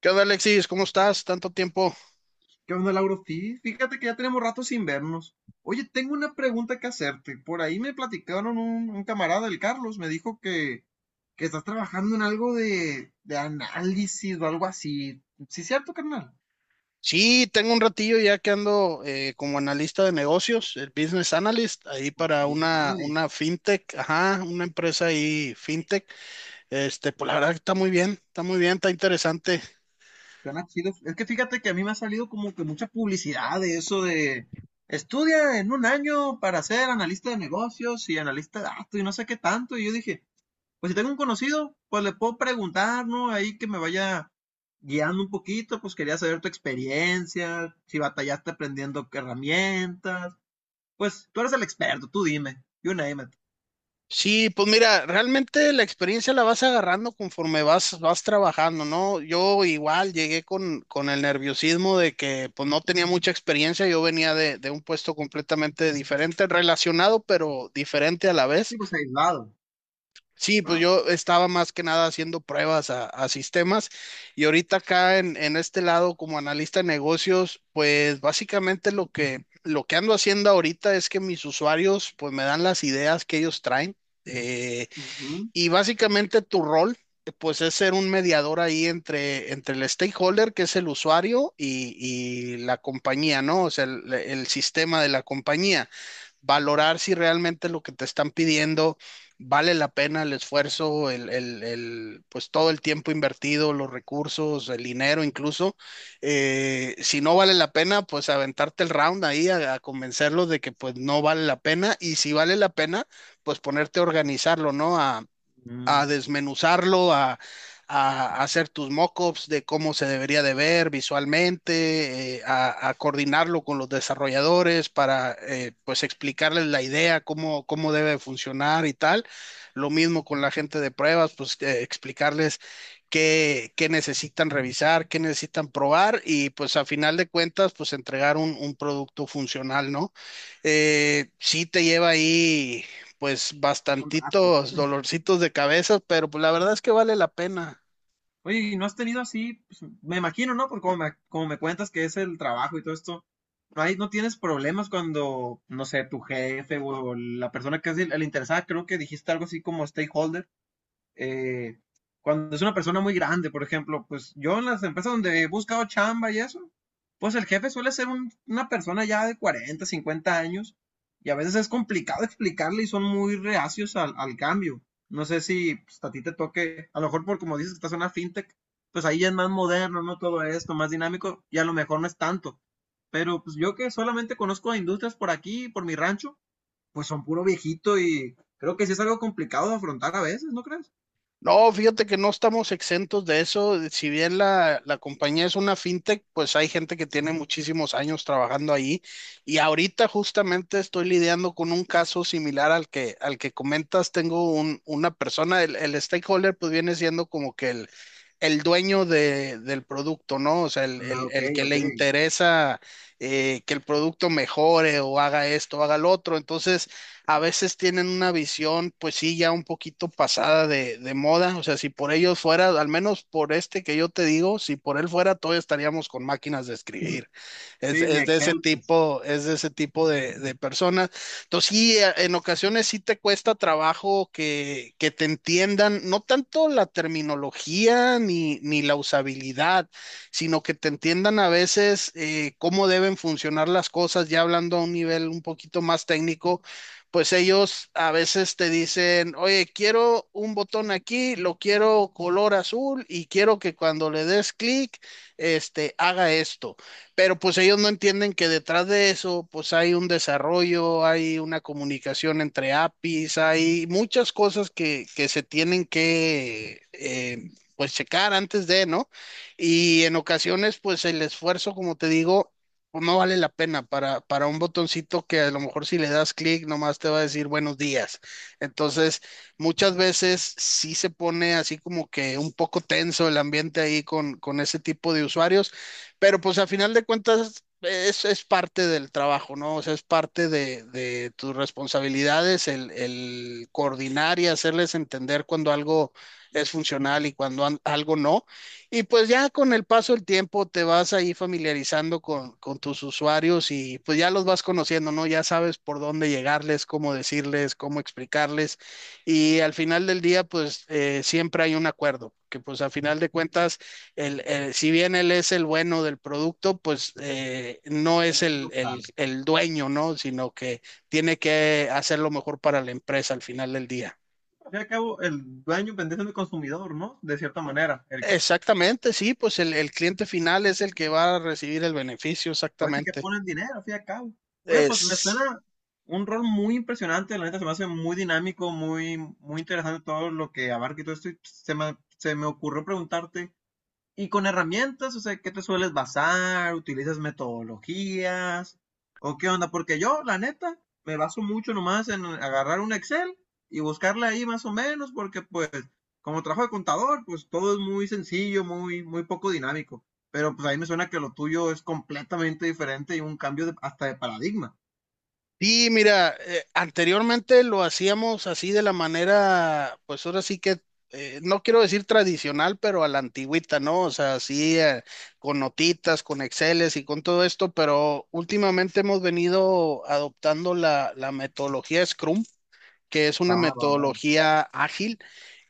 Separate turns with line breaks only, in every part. ¿Qué onda, Alexis? ¿Cómo estás? Tanto tiempo.
¿Qué onda, Lauro? Sí, fíjate que ya tenemos rato sin vernos. Oye, tengo una pregunta que hacerte. Por ahí me platicaron un camarada, el Carlos, me dijo que estás trabajando en algo de análisis o algo así. ¿Sí es cierto, carnal?
Sí, tengo un ratillo ya que ando como analista de negocios, el business analyst, ahí
Ah,
para
business
una
analyst.
fintech, ajá, una empresa ahí fintech. Este, pues la verdad que está muy bien, está muy bien, está interesante.
Suena chido. Es que fíjate que a mí me ha salido como que mucha publicidad de eso de estudia en un año para ser analista de negocios y analista de datos y no sé qué tanto. Y yo dije, pues si tengo un conocido, pues le puedo preguntar, ¿no? Ahí que me vaya guiando un poquito, pues quería saber tu experiencia, si batallaste aprendiendo qué herramientas. Pues tú eres el experto, tú dime. You name it.
Sí, pues mira, realmente la experiencia la vas agarrando conforme vas, vas trabajando, ¿no? Yo igual llegué con el nerviosismo de que pues no tenía mucha experiencia, yo venía de un puesto completamente diferente, relacionado pero diferente a la
Sí,
vez.
pues aislado.
Sí, pues yo estaba más que nada haciendo pruebas a sistemas y ahorita acá en este lado como analista de negocios, pues básicamente lo lo que ando haciendo ahorita es que mis usuarios pues me dan las ideas que ellos traen eh,
Ujú.
y básicamente tu rol pues es ser un mediador ahí entre el stakeholder que es el usuario y la compañía, ¿no? O sea, el sistema de la compañía valorar si realmente lo que te están pidiendo vale la pena el esfuerzo, el, pues todo el tiempo invertido, los recursos, el dinero incluso. Si no vale la pena, pues aventarte el round ahí a convencerlos de que pues no vale la pena y si vale la pena, pues ponerte a organizarlo, ¿no?
Mm,
A desmenuzarlo, a hacer tus mockups de cómo se debería de ver visualmente, a coordinarlo con los desarrolladores para pues explicarles la idea, cómo, cómo debe funcionar y tal. Lo mismo con la gente de pruebas, pues explicarles qué, qué necesitan revisar, qué necesitan probar y pues a final de cuentas pues entregar un producto funcional, ¿no? Sí te lleva ahí pues
un rato.
bastantitos dolorcitos de cabeza, pero pues la verdad es que vale la pena.
Oye, ¿y no has tenido así? Pues, me imagino, ¿no? Porque como me cuentas que es el trabajo y todo esto, no hay, no tienes problemas cuando, no sé, tu jefe o la persona que es el interesada, creo que dijiste algo así como stakeholder, eh, cuando es una persona muy grande, por ejemplo, pues yo en las empresas donde he buscado chamba y eso, pues el jefe suele ser una persona ya de 40, 50 años y a veces es complicado explicarle y son muy reacios al cambio. No sé si pues, a ti te toque, a lo mejor por como dices que estás en una fintech, pues ahí ya es más moderno, ¿no? Todo esto, más dinámico y a lo mejor no es tanto. Pero pues yo que solamente conozco a industrias por aquí, por mi rancho, pues son puro viejito y creo que sí es algo complicado de afrontar a veces, ¿no crees?
No, fíjate que no estamos exentos de eso. Si bien la compañía es una fintech, pues hay gente que tiene muchísimos años trabajando ahí. Y ahorita justamente estoy lidiando con un caso similar al al que comentas. Tengo una persona, el stakeholder, pues viene siendo como que el dueño del producto, ¿no? O sea,
Ah, ok,
el que
ok.
le interesa que el producto mejore o haga esto, haga lo otro. Entonces a veces tienen una visión, pues sí, ya un poquito pasada de moda. O sea, si por ellos fuera, al menos por este que yo te digo, si por él fuera, todavía estaríamos con máquinas de escribir.
Sí, ni
Es de ese
Excel, pues,
tipo, es de ese tipo de personas. Entonces, sí, en ocasiones sí te cuesta trabajo que te entiendan, no tanto la terminología ni la usabilidad, sino que te entiendan a veces cómo deben funcionar las cosas, ya hablando a un nivel un poquito más técnico pues ellos a veces te dicen, oye, quiero un botón aquí, lo quiero color azul y quiero que cuando le des clic, haga esto. Pero pues ellos no entienden que detrás de eso, pues hay un desarrollo, hay una comunicación entre APIs, hay muchas cosas que se tienen que... pues checar antes de, ¿no? Y en ocasiones, pues el esfuerzo, como te digo, pues no vale la pena para un botoncito que a lo mejor si le das clic nomás te va a decir buenos días. Entonces, muchas veces sí se pone así como que un poco tenso el ambiente ahí con ese tipo de usuarios, pero pues a final de cuentas es parte del trabajo, ¿no? O sea, es parte de tus responsabilidades el coordinar y hacerles entender cuando algo es funcional y cuando algo no. Y pues ya con el paso del tiempo te vas ahí familiarizando con tus usuarios y pues ya los vas conociendo, ¿no? Ya sabes por dónde llegarles, cómo decirles, cómo explicarles. Y al final del día, pues siempre hay un acuerdo, que pues al final de cuentas, si bien él es el bueno del producto, pues no es
tiene que buscar.
el dueño, ¿no? Sino que tiene que hacer lo mejor para la empresa al final del día.
Al fin y al cabo, el dueño vendría siendo consumidor, ¿no? De cierta manera. El
Exactamente, sí, pues el cliente final es el que va a recibir el beneficio,
puede ser que
exactamente.
pone el dinero, al fin y al cabo. Oye, pues me
Es,
suena un rol muy impresionante, la neta se me hace muy dinámico, muy, muy interesante todo lo que abarca y todo esto. Y se me ocurrió preguntarte, y con herramientas, o sea, ¿qué te sueles basar? ¿Utilizas metodologías? ¿O qué onda? Porque yo, la neta, me baso mucho nomás en agarrar un Excel y buscarle ahí más o menos, porque pues, como trabajo de contador, pues todo es muy sencillo, muy, muy poco dinámico. Pero pues ahí me suena que lo tuyo es completamente diferente y un cambio de- hasta de paradigma.
sí, mira, anteriormente lo hacíamos así de la manera, pues ahora sí que, no quiero decir tradicional, pero a la antigüita, ¿no? O sea, así con notitas, con Exceles y con todo esto, pero últimamente hemos venido adoptando la metodología Scrum, que es una
Va, va, va.
metodología ágil.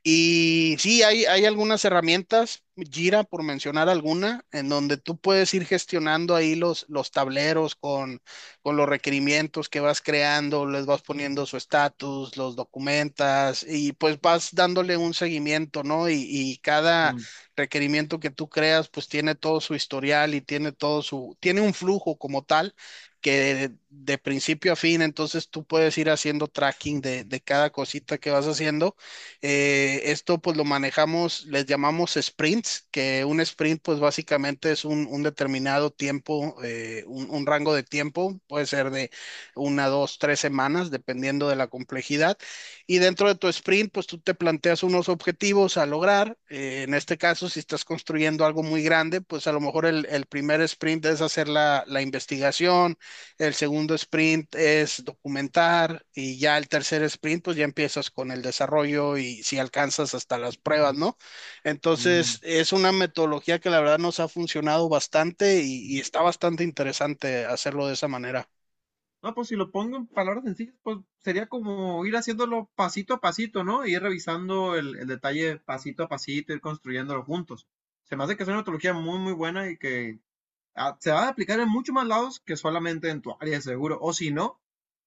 Y sí, hay algunas herramientas, Jira por mencionar alguna, en donde tú puedes ir gestionando ahí los tableros con los requerimientos que vas creando, les vas poniendo su estatus, los documentas y pues vas dándole un seguimiento, ¿no? Y cada requerimiento que tú creas pues tiene todo su historial y tiene todo su, tiene un flujo como tal que de principio a fin, entonces tú puedes ir haciendo tracking de cada cosita que vas haciendo. Esto pues lo manejamos, les llamamos sprints, que un sprint pues básicamente es un determinado tiempo, un rango de tiempo, puede ser de una, dos, tres semanas, dependiendo de la complejidad. Y dentro de tu sprint pues tú te planteas unos objetivos a lograr. En este caso, si estás construyendo algo muy grande, pues a lo mejor el primer sprint es hacer la investigación, el segundo sprint es documentar y ya el tercer sprint, pues ya empiezas con el desarrollo y si alcanzas hasta las pruebas, ¿no? Entonces,
Ujú.
es una metodología que la verdad nos ha funcionado bastante y está bastante interesante hacerlo de esa manera.
No, pues si lo pongo en palabras sencillas, pues sería como ir haciéndolo pasito a pasito, ¿no? Y ir revisando el detalle pasito a pasito, ir construyéndolo juntos. Se me hace que es una metodología muy, muy buena y que ah, se va a aplicar en muchos más lados que solamente en tu área, seguro. O si no,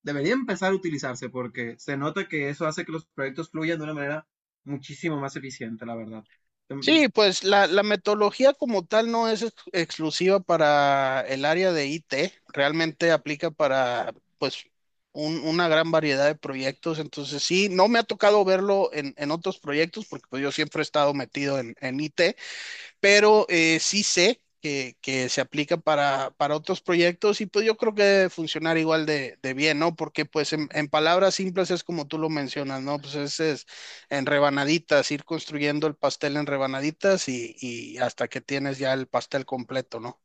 debería empezar a utilizarse porque se nota que eso hace que los proyectos fluyan de una manera muchísimo más eficiente, la verdad. Em,
Sí, pues la metodología como tal no es exclusiva para el área de IT, realmente aplica para pues una gran variedad de proyectos, entonces sí, no me ha tocado verlo en otros proyectos porque pues yo siempre he estado metido en IT, pero sí sé que se aplica para otros proyectos y pues yo creo que debe funcionar igual de bien, ¿no? Porque pues en palabras simples es como tú lo mencionas, ¿no? Pues es en rebanaditas, ir construyendo el pastel en rebanaditas y hasta que tienes ya el pastel completo, ¿no?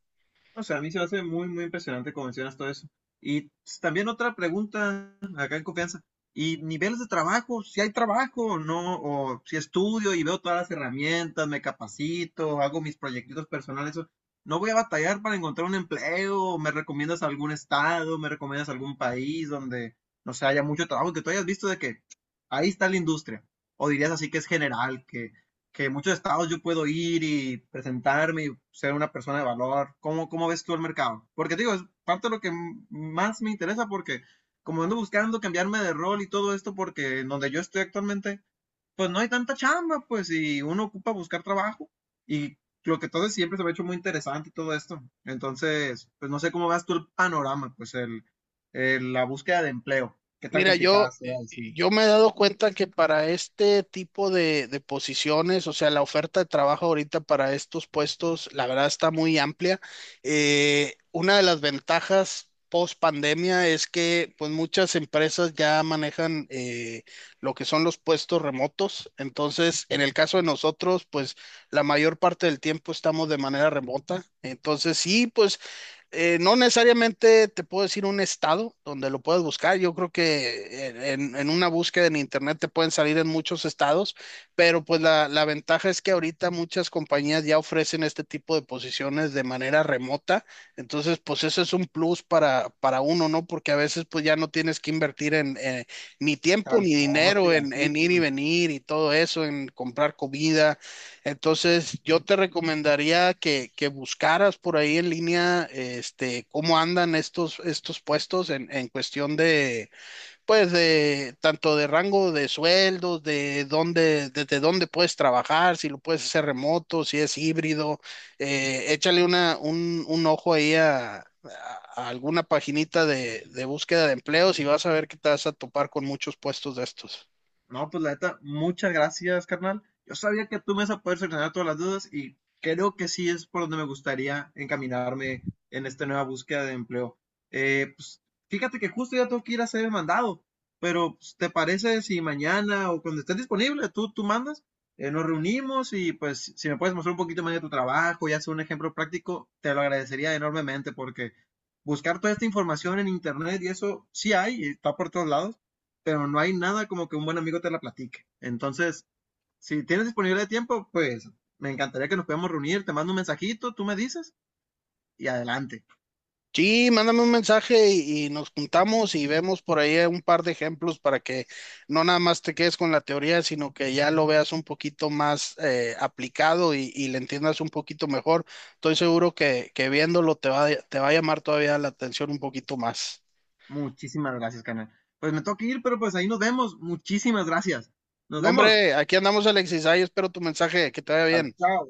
O sea, a mí se me hace muy, muy impresionante como mencionas todo eso. Y pues, también otra pregunta acá en confianza. ¿Y niveles de trabajo? ¿Si hay trabajo o no? ¿O si estudio y veo todas las herramientas, me capacito, hago mis proyectitos personales? O, ¿no voy a batallar para encontrar un empleo? ¿Me recomiendas algún estado? ¿Me recomiendas algún país donde no se haya mucho trabajo? Que tú hayas visto de que ahí está la industria. ¿O dirías así que es general, que muchos estados yo puedo ir y presentarme y ser una persona de valor? ¿Cómo, cómo ves tú el mercado? Porque te digo, es parte de lo que más me interesa porque como ando buscando cambiarme de rol y todo esto porque en donde yo estoy actualmente, pues no hay tanta chamba, pues, y uno ocupa buscar trabajo y lo que todo es siempre se me ha hecho muy interesante y todo esto. Entonces, pues no sé cómo ves tú el panorama, pues la búsqueda de empleo, qué tan
Mira,
complicada
yo,
sea, así,
yo me he dado cuenta que para este tipo de posiciones, o sea, la oferta de trabajo ahorita para estos puestos, la verdad está muy amplia. Una de las ventajas post pandemia es que pues muchas empresas ya manejan lo que son los puestos remotos. Entonces, en el caso de nosotros, pues la mayor parte del tiempo estamos de manera remota. Entonces, sí, pues no necesariamente te puedo decir un estado donde lo puedes buscar. Yo creo que en, en una búsqueda en internet te pueden salir en muchos estados, pero pues la ventaja es que ahorita muchas compañías ya ofrecen este tipo de posiciones de manera remota. Entonces, pues eso es un plus para uno, ¿no? Porque a veces pues ya no tienes que invertir en ni tiempo ni
transporte
dinero
y así,
en ir y
pues.
venir y todo eso, en comprar comida. Entonces, yo te recomendaría que buscaras por ahí en línea, este, cómo andan estos, estos puestos en cuestión de, pues, de tanto de rango de sueldos, de dónde, desde dónde puedes trabajar, si lo puedes hacer remoto, si es híbrido. Échale una, un ojo ahí a alguna paginita de búsqueda de empleos y vas a ver que te vas a topar con muchos puestos de estos.
No, pues la neta, muchas gracias, carnal. Yo sabía que tú me ibas a poder solucionar todas las dudas y creo que sí es por donde me gustaría encaminarme en esta nueva búsqueda de empleo. Eh, pues, Fíjate que justo ya tengo que ir a ser mandado, pero pues, ¿te parece si mañana o cuando estés disponible tú mandas? Nos reunimos y pues si me puedes mostrar un poquito más de tu trabajo y hacer un ejemplo práctico, te lo agradecería enormemente porque buscar toda esta información en internet y eso sí hay, y está por todos lados, pero no hay nada como que un buen amigo te la platique. Entonces, si tienes disponibilidad de tiempo, pues me encantaría que nos podamos reunir. Te mando un mensajito, tú me dices y adelante.
Sí, mándame un mensaje y nos juntamos y vemos por ahí un par de ejemplos para que no nada más te quedes con la teoría, sino que ya lo veas un poquito más aplicado y le entiendas un poquito mejor. Estoy seguro que viéndolo te va a llamar todavía la atención un poquito más.
Muchísimas gracias, canal. Pues me tengo que ir, pero pues ahí nos vemos. Muchísimas gracias. Nos
No,
vemos.
hombre, aquí andamos, Alexis. Ahí espero tu mensaje. Que te vaya
Vale,
bien.
chao.